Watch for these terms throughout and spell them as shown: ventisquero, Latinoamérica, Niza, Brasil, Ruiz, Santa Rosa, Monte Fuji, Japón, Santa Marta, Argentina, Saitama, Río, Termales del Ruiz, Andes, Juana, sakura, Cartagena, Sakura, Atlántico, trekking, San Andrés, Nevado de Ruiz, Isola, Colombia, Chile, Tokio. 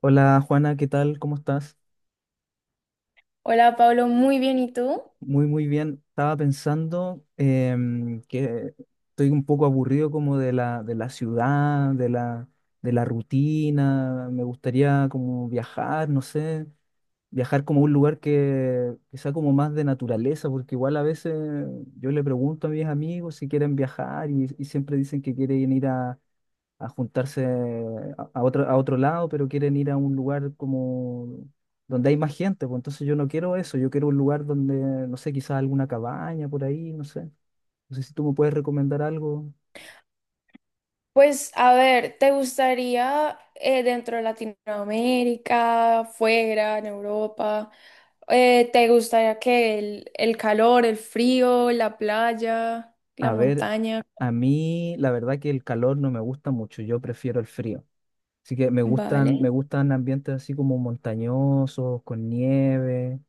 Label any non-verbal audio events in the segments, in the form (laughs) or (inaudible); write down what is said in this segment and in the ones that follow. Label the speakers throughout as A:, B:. A: Hola Juana, ¿qué tal? ¿Cómo estás?
B: Hola Pablo, muy bien, ¿y tú?
A: Muy, muy bien. Estaba pensando que estoy un poco aburrido como de la ciudad, de la rutina. Me gustaría como viajar, no sé, viajar como a un lugar que sea como más de naturaleza, porque igual a veces yo le pregunto a mis amigos si quieren viajar y siempre dicen que quieren ir a juntarse a otro lado, pero quieren ir a un lugar como donde hay más gente, pues entonces yo no quiero eso, yo quiero un lugar donde, no sé, quizás alguna cabaña por ahí, no sé. No sé si tú me puedes recomendar algo.
B: Pues a ver, ¿te gustaría dentro de Latinoamérica, fuera, en Europa? ¿Te gustaría que el calor, el frío, la playa, la
A: A ver,
B: montaña?
A: a mí la verdad que el calor no me gusta mucho, yo prefiero el frío. Así que me
B: Vale.
A: gustan, me gustan ambientes así como montañosos, con nieve,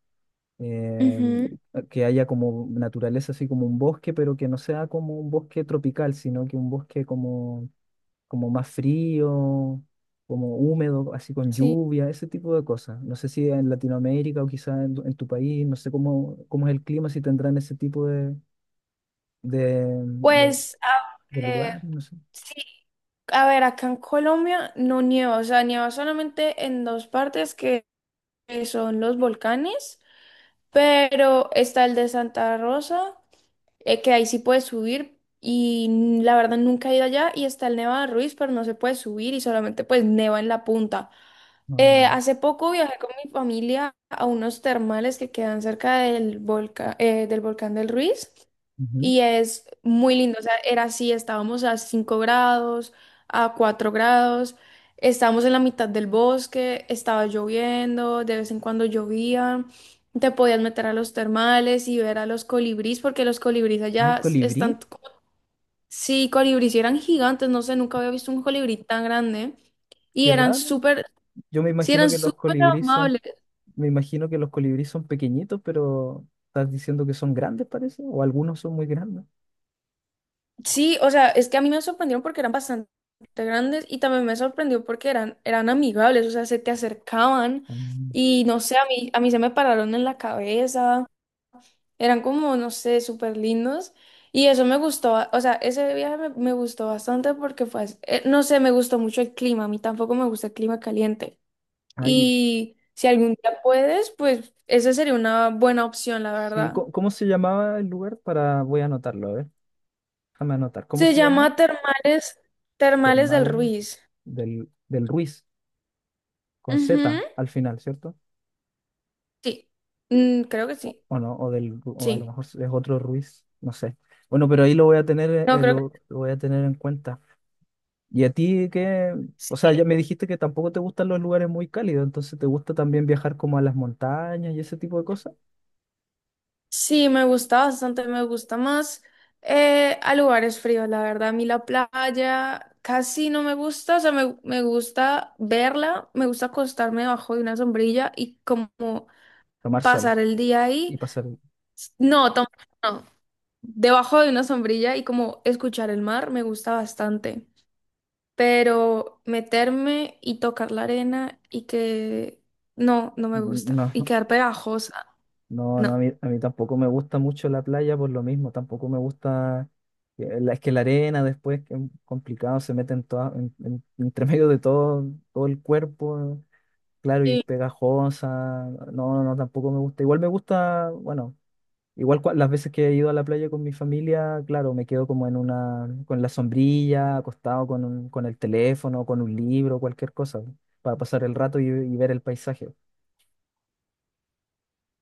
B: Ujú,
A: em, que haya como naturaleza, así como un bosque, pero que no sea como un bosque tropical, sino que un bosque como más frío, como húmedo, así con
B: sí.
A: lluvia, ese tipo de cosas. No sé si en Latinoamérica o quizás en tu país, no sé cómo es el clima, si tendrán ese tipo de, de-
B: Pues a
A: de
B: ver,
A: lugares, no sé.
B: sí, a ver, acá en Colombia no nieva, o sea, nieva solamente en dos partes que son los volcanes, pero está el de Santa Rosa. Que ahí sí puedes subir y la verdad nunca he ido allá y está el Nevado de Ruiz, pero no se puede subir y solamente pues neva en la punta.
A: No.
B: Hace poco viajé con mi familia a unos termales que quedan cerca del volcán, del volcán del Ruiz
A: Ujú.
B: y es muy lindo, o sea, era así, estábamos a 5 grados, a 4 grados, estábamos en la mitad del bosque, estaba lloviendo, de vez en cuando llovía. Te podías meter a los termales y ver a los colibrís, porque los colibrís
A: Ay,
B: allá están
A: colibrí,
B: como... Sí, colibrís y eran gigantes, no sé, nunca había visto un colibrí tan grande. Y
A: qué
B: eran
A: raro.
B: súper,
A: Yo me
B: sí,
A: imagino
B: eran
A: que los
B: súper
A: colibríes son,
B: amables.
A: Me imagino que los colibríes son pequeñitos, pero estás diciendo que son grandes, parece, o algunos son muy grandes.
B: Sí, o sea, es que a mí me sorprendieron porque eran bastante grandes y también me sorprendió porque eran, eran amigables, o sea, se te acercaban
A: Ah,
B: y no sé, a mí se me pararon en la cabeza. Eran como, no sé, súper lindos. Y eso me gustó, o sea, ese viaje me gustó bastante porque fue, no sé, me gustó mucho el clima, a mí tampoco me gusta el clima caliente.
A: ay,
B: Y si algún día puedes, pues esa sería una buena opción, la
A: sí,
B: verdad.
A: ¿cómo se llamaba el lugar? Para, voy a anotarlo, a ver, déjame anotar. ¿Cómo
B: Se
A: se llamaba?
B: llama Termales, Termales del
A: Termales
B: Ruiz.
A: del Ruiz, con
B: Ujú,
A: Z al final, ¿cierto?
B: sí, mm, creo que
A: O,
B: sí,
A: o no, o a lo
B: sí.
A: mejor es otro Ruiz, no sé. Bueno, pero ahí lo voy a tener, eh,
B: No,
A: eh,
B: creo que
A: lo, lo voy a tener en cuenta. ¿Y a ti qué? O
B: sí.
A: sea, ya me dijiste que tampoco te gustan los lugares muy cálidos, entonces ¿te gusta también viajar como a las montañas y ese tipo de cosas?
B: Sí, me gusta bastante, me gusta más a lugares fríos, la verdad. A mí la playa casi no me gusta, o sea, me gusta verla, me gusta acostarme debajo de una sombrilla y como
A: Tomar sol
B: pasar el día
A: y
B: ahí.
A: pasar.
B: No, tampoco, no, debajo de una sombrilla y como escuchar el mar me gusta bastante, pero meterme y tocar la arena y que no, no me
A: Mm,
B: gusta y
A: no.
B: quedar pegajosa,
A: No, no, a
B: no.
A: mí, a mí tampoco me gusta mucho la playa por lo mismo, tampoco me gusta, es que la arena después que es complicado, se mete en (laughs) entre medio de todo el cuerpo, claro, y es pegajosa, no, no, no, tampoco me gusta, igual me gusta, bueno, igual las veces que he ido a la playa con mi familia, claro, me quedo como con la sombrilla, acostado con el teléfono, con un libro, cualquier cosa, para pasar el rato y ver el paisaje.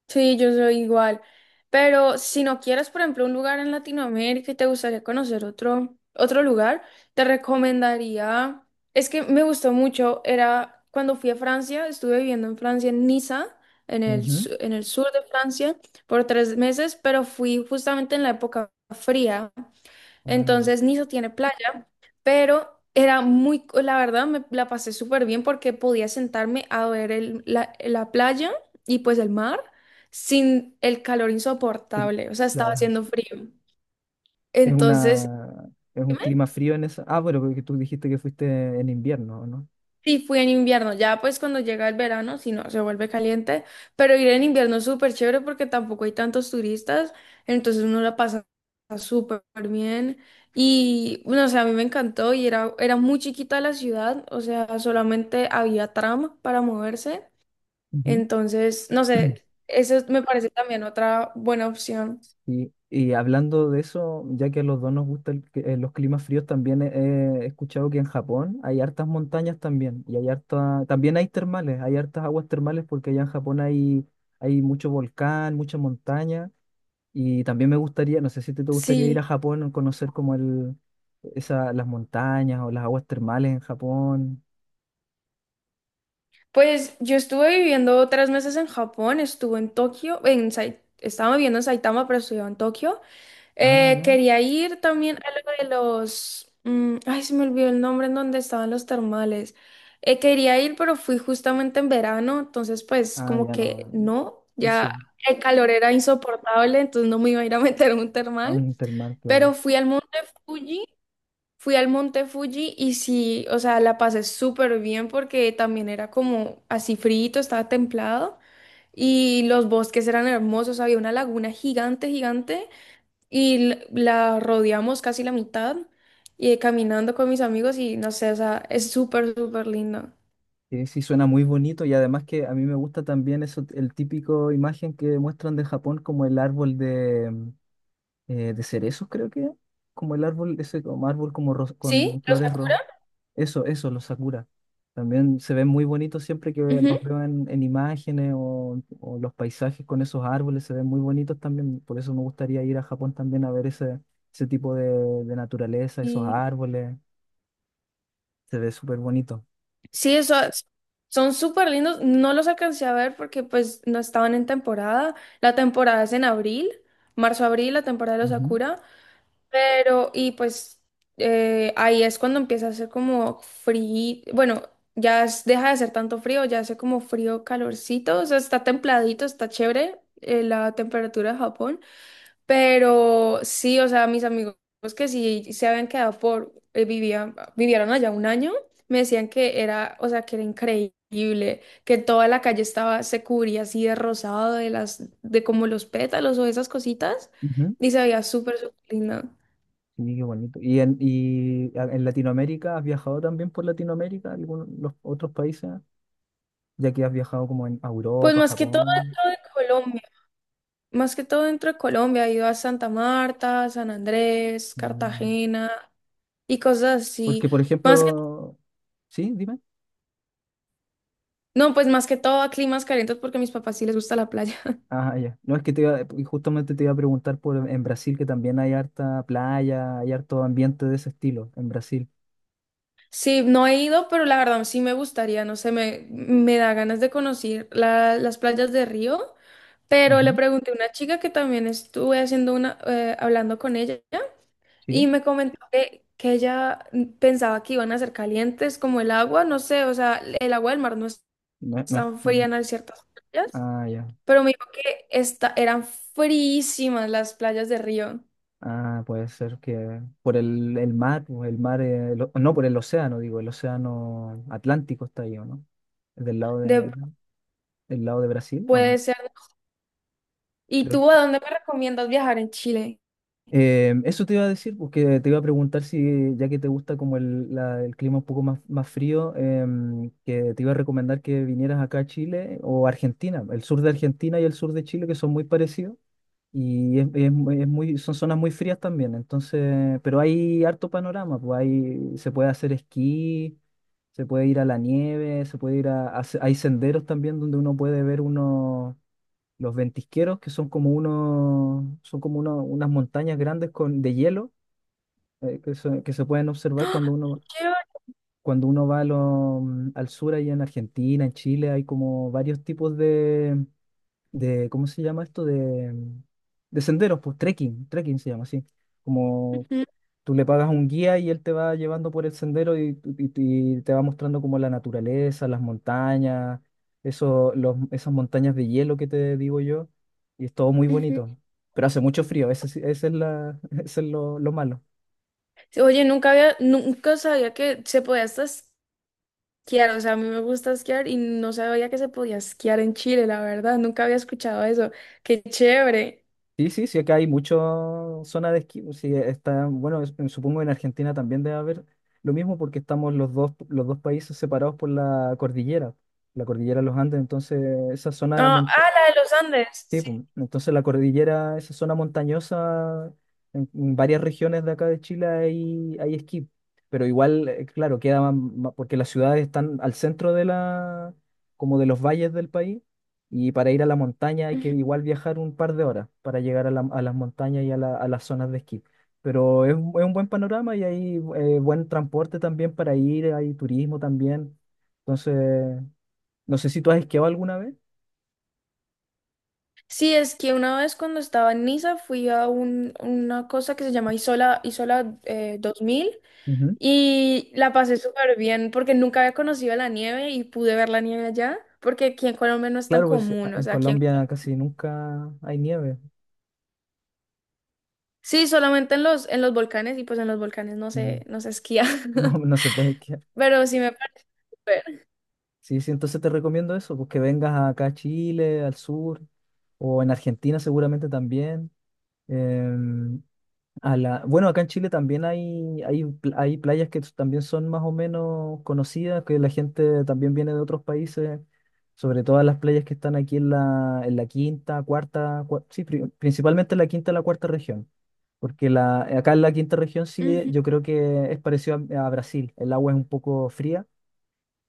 B: Sí, yo soy igual. Pero si no quieres, por ejemplo, un lugar en Latinoamérica y te gustaría conocer otro, otro lugar, te recomendaría. Es que me gustó mucho. Era cuando fui a Francia, estuve viviendo en Francia, en Niza,
A: Ujú.
B: en el sur de Francia, por tres meses, pero fui justamente en la época fría.
A: Ah,
B: Entonces, Niza tiene playa pero era muy, la verdad me la pasé súper bien porque podía sentarme a ver la playa y pues el mar sin el calor
A: sí,
B: insoportable, o sea, estaba
A: claro.
B: haciendo frío. Entonces,
A: Es un clima frío en eso. Ah, bueno, porque tú dijiste que fuiste en invierno, ¿no?
B: sí, fui en invierno, ya pues cuando llega el verano, si no, se vuelve caliente, pero ir en invierno es súper chévere porque tampoco hay tantos turistas, entonces uno la pasa súper bien y no sé, a mí me encantó y era, era muy chiquita la ciudad, o sea, solamente había tram para moverse,
A: Ujú.
B: entonces, no sé, eso me parece también otra buena opción.
A: Y hablando de eso, ya que a los dos nos gustan los climas fríos, también he escuchado que en Japón hay hartas montañas también, y también hay termales, hay hartas aguas termales porque allá en Japón hay mucho volcán, mucha montaña, y también me gustaría, no sé si te gustaría ir a
B: Sí.
A: Japón a conocer como las montañas o las aguas termales en Japón.
B: Pues yo estuve viviendo tres meses en Japón, estuve en Tokio, estaba viviendo en Saitama, pero estudiaba en Tokio.
A: Ah, ya.
B: Quería ir también a lo de los... se me olvidó el nombre en donde estaban los termales. Quería ir, pero fui justamente en verano, entonces pues
A: Ah,
B: como
A: ya
B: que
A: no.
B: no, ya
A: Sí,
B: el calor era insoportable, entonces no me iba a ir a (laughs) meter a un
A: a
B: termal.
A: un termal,
B: Pero
A: claro.
B: fui al monte Fuji Fui al Monte Fuji y sí, o sea, la pasé súper bien porque también era como así frito, estaba templado y los bosques eran hermosos, había una laguna gigante, gigante y la rodeamos casi la mitad y caminando con mis amigos y no sé, o sea, es súper, súper lindo.
A: Sí, sí, suena muy bonito y además que a mí me gusta también eso, el típico imagen que muestran de Japón como el árbol de cerezos, creo que, como el árbol, ese como árbol como
B: ¿Sí?
A: con
B: ¿Los
A: flores
B: Sakura?
A: rosas. Eso, los sakura. También se ven muy bonitos siempre que los
B: Ujú.
A: veo en imágenes o los paisajes con esos árboles se ven muy bonitos también. Por eso me gustaría ir a Japón también a ver ese, ese tipo de naturaleza, esos
B: Y
A: árboles. Se ve súper bonito.
B: sí, eso, son súper lindos, no los alcancé a ver porque pues no estaban en temporada, la temporada es en abril, marzo-abril, la temporada de los
A: Ujú,
B: Sakura. Pero, y pues ahí es cuando empieza a hacer como frío, bueno, deja de ser tanto frío, ya hace como frío, calorcito, o sea, está templadito, está chévere la temperatura de Japón, pero sí, o sea, mis amigos que sí se habían quedado por, vivieron allá un año, me decían que era, o sea, que era increíble, que toda la calle estaba, se cubría así de rosado, de las, de como los pétalos o esas cositas,
A: ujú.
B: y se veía súper, súper linda.
A: Sí, qué bonito. ¿Y en Latinoamérica has viajado también por Latinoamérica, algunos los otros países, ya que has viajado como en a
B: Pues
A: Europa,
B: más que todo
A: Japón?
B: dentro de (laughs) Colombia, más que todo dentro de Colombia, he ido a Santa Marta, San Andrés,
A: Mm.
B: Cartagena y cosas así.
A: Porque, por
B: Más que,
A: ejemplo, sí, dime.
B: no, pues más que todo a climas calientes porque a mis papás sí les gusta la playa. (laughs)
A: Ah, ya. No, es que y justamente te iba a preguntar por en Brasil, que también hay harta playa, hay harto ambiente de ese estilo en Brasil.
B: Sí, no he ido, pero la verdad sí me gustaría, no sé, me da ganas de conocer las playas de Río, pero le
A: Ujú.
B: pregunté a una chica que también estuve haciendo una, hablando con ella y
A: Sí,
B: me comentó que ella pensaba que iban a ser calientes como el agua, no sé, o sea, el agua del mar no es
A: no,
B: tan fría en ciertas playas,
A: ah, ya.
B: pero me dijo que esta, eran frísimas las playas de Río.
A: Ah, puede ser que por el mar, o el mar, el no, por el océano, digo, el océano Atlántico está ahí, ¿o no? del lado
B: De,
A: de, del lado de Brasil o no?
B: puede ser. ¿Y
A: Creo,
B: tú a dónde me recomiendas viajar en Chile?
A: Eso te iba a decir, porque te iba a preguntar si, ya que te gusta como el clima un poco más frío, que te iba a recomendar que vinieras acá a Chile o Argentina, el sur de Argentina y el sur de Chile, que son muy parecidos, y es mu- es muy, son zonas muy frías también, entonces, pero hay harto panorama, pues se puede hacer esquí, se puede ir a la nieve, se puede ir a se- hay senderos también donde uno puede ver unos los ventisqueros, que son como unos, son como uno- unas montañas grandes de hielo que se pueden observar cuando uno,
B: Quiero...
A: va al sur, allá en Argentina, en Chile, hay como varios tipos de ¿cómo se llama esto? De senderos, pues trekking se llama así, como.
B: ujú,
A: Tú le pagas un guía y él te va llevando por el sendero y te va mostrando como la naturaleza, las montañas, eso, esas montañas de hielo que te digo yo. Y es todo muy
B: ujú.
A: bonito. Pero hace mucho frío, ese, sí- ese es, la, (laughs) ese es lo malo.
B: Sí, oye, nunca había, nunca sabía que se podía hasta esquiar. O sea, a mí me gusta esquiar y no sabía que se podía esquiar en Chile, la verdad. Nunca había escuchado eso. Qué chévere.
A: Sí, sí, sí, acá hay mucha zona de esquí. Sí, bueno, supongo en Argentina también debe haber lo mismo porque estamos los dos países separados por la cordillera de los Andes. Entonces, esa
B: No,
A: zona
B: ah,
A: montañosa.
B: la de los Andes.
A: Sí, pues, entonces la cordillera, esa zona montañosa, en varias regiones de acá de Chile hay, esquí, pero igual, claro, queda porque las ciudades están al centro como de los valles del país, y para ir a la montaña hay que
B: Sí.
A: igual viajar un par de horas para llegar a las montañas y a las zonas de esquí. Pero es un buen panorama y hay buen transporte también para ir, hay turismo también. Entonces, no sé si tú has esquiado alguna vez.
B: Sí, es que una vez cuando estaba en Niza fui a una cosa que se llama Isola, Isola 2000 y la pasé súper bien porque nunca había conocido la nieve y pude ver la nieve allá porque aquí en Colombia no es tan
A: Claro, pues
B: común, o
A: en
B: sea, aquí en...
A: Colombia casi nunca hay nieve.
B: Sí, solamente en los volcanes y pues en los volcanes
A: Mm,
B: no se esquía,
A: (laughs) no,
B: (laughs)
A: no se puede esquiar.
B: pero sí me parece súper.
A: Sí, sí, entonces te recomiendo eso, pues que vengas acá a Chile, al sur, o en Argentina seguramente también. Em, bueno, acá en Chile también hay playas que también son más o menos conocidas, que la gente también viene de otros países, sobre todo las playas que están aquí en la quinta, cuarta, sí, principalmente en la quinta y la cuarta región. Porque acá en la quinta región sí,
B: Ujú,
A: yo creo que es parecido a Brasil. El agua es un poco fría,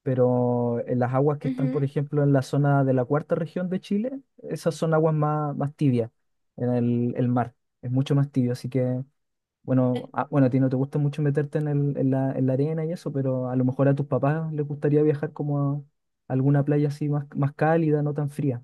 A: pero en las aguas que están, por
B: ujú.
A: ejemplo, en la zona de la cuarta región de Chile, esas son aguas más, más tibias en el mar. Es mucho más tibio, así que, bueno, ah, bueno, a ti no te gusta mucho meterte en la arena y eso, pero a lo mejor a tus papás les gustaría viajar como a alguna playa así más, más cálida, no tan fría.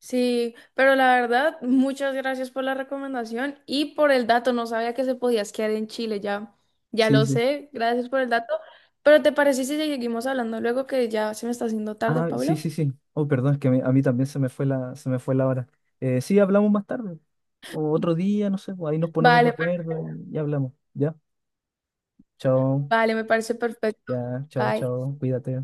B: Sí, pero la verdad, muchas gracias por la recomendación y por el dato. No sabía que se podía esquiar en Chile, ya, ya
A: Sí,
B: lo
A: sí.
B: sé. Gracias por el dato. Pero ¿te parece si seguimos hablando luego que ya se me está haciendo tarde,
A: Ah, sí,
B: Pablo?
A: sí, sí. Oh, perdón, es que a mí también se me fue se me fue la hora. Sí, hablamos más tarde, o otro día, no sé, pues ahí nos ponemos de
B: Vale, per...
A: acuerdo y hablamos. Ya, chao,
B: vale, me parece perfecto.
A: ya, chao,
B: Bye.
A: chao, cuídate.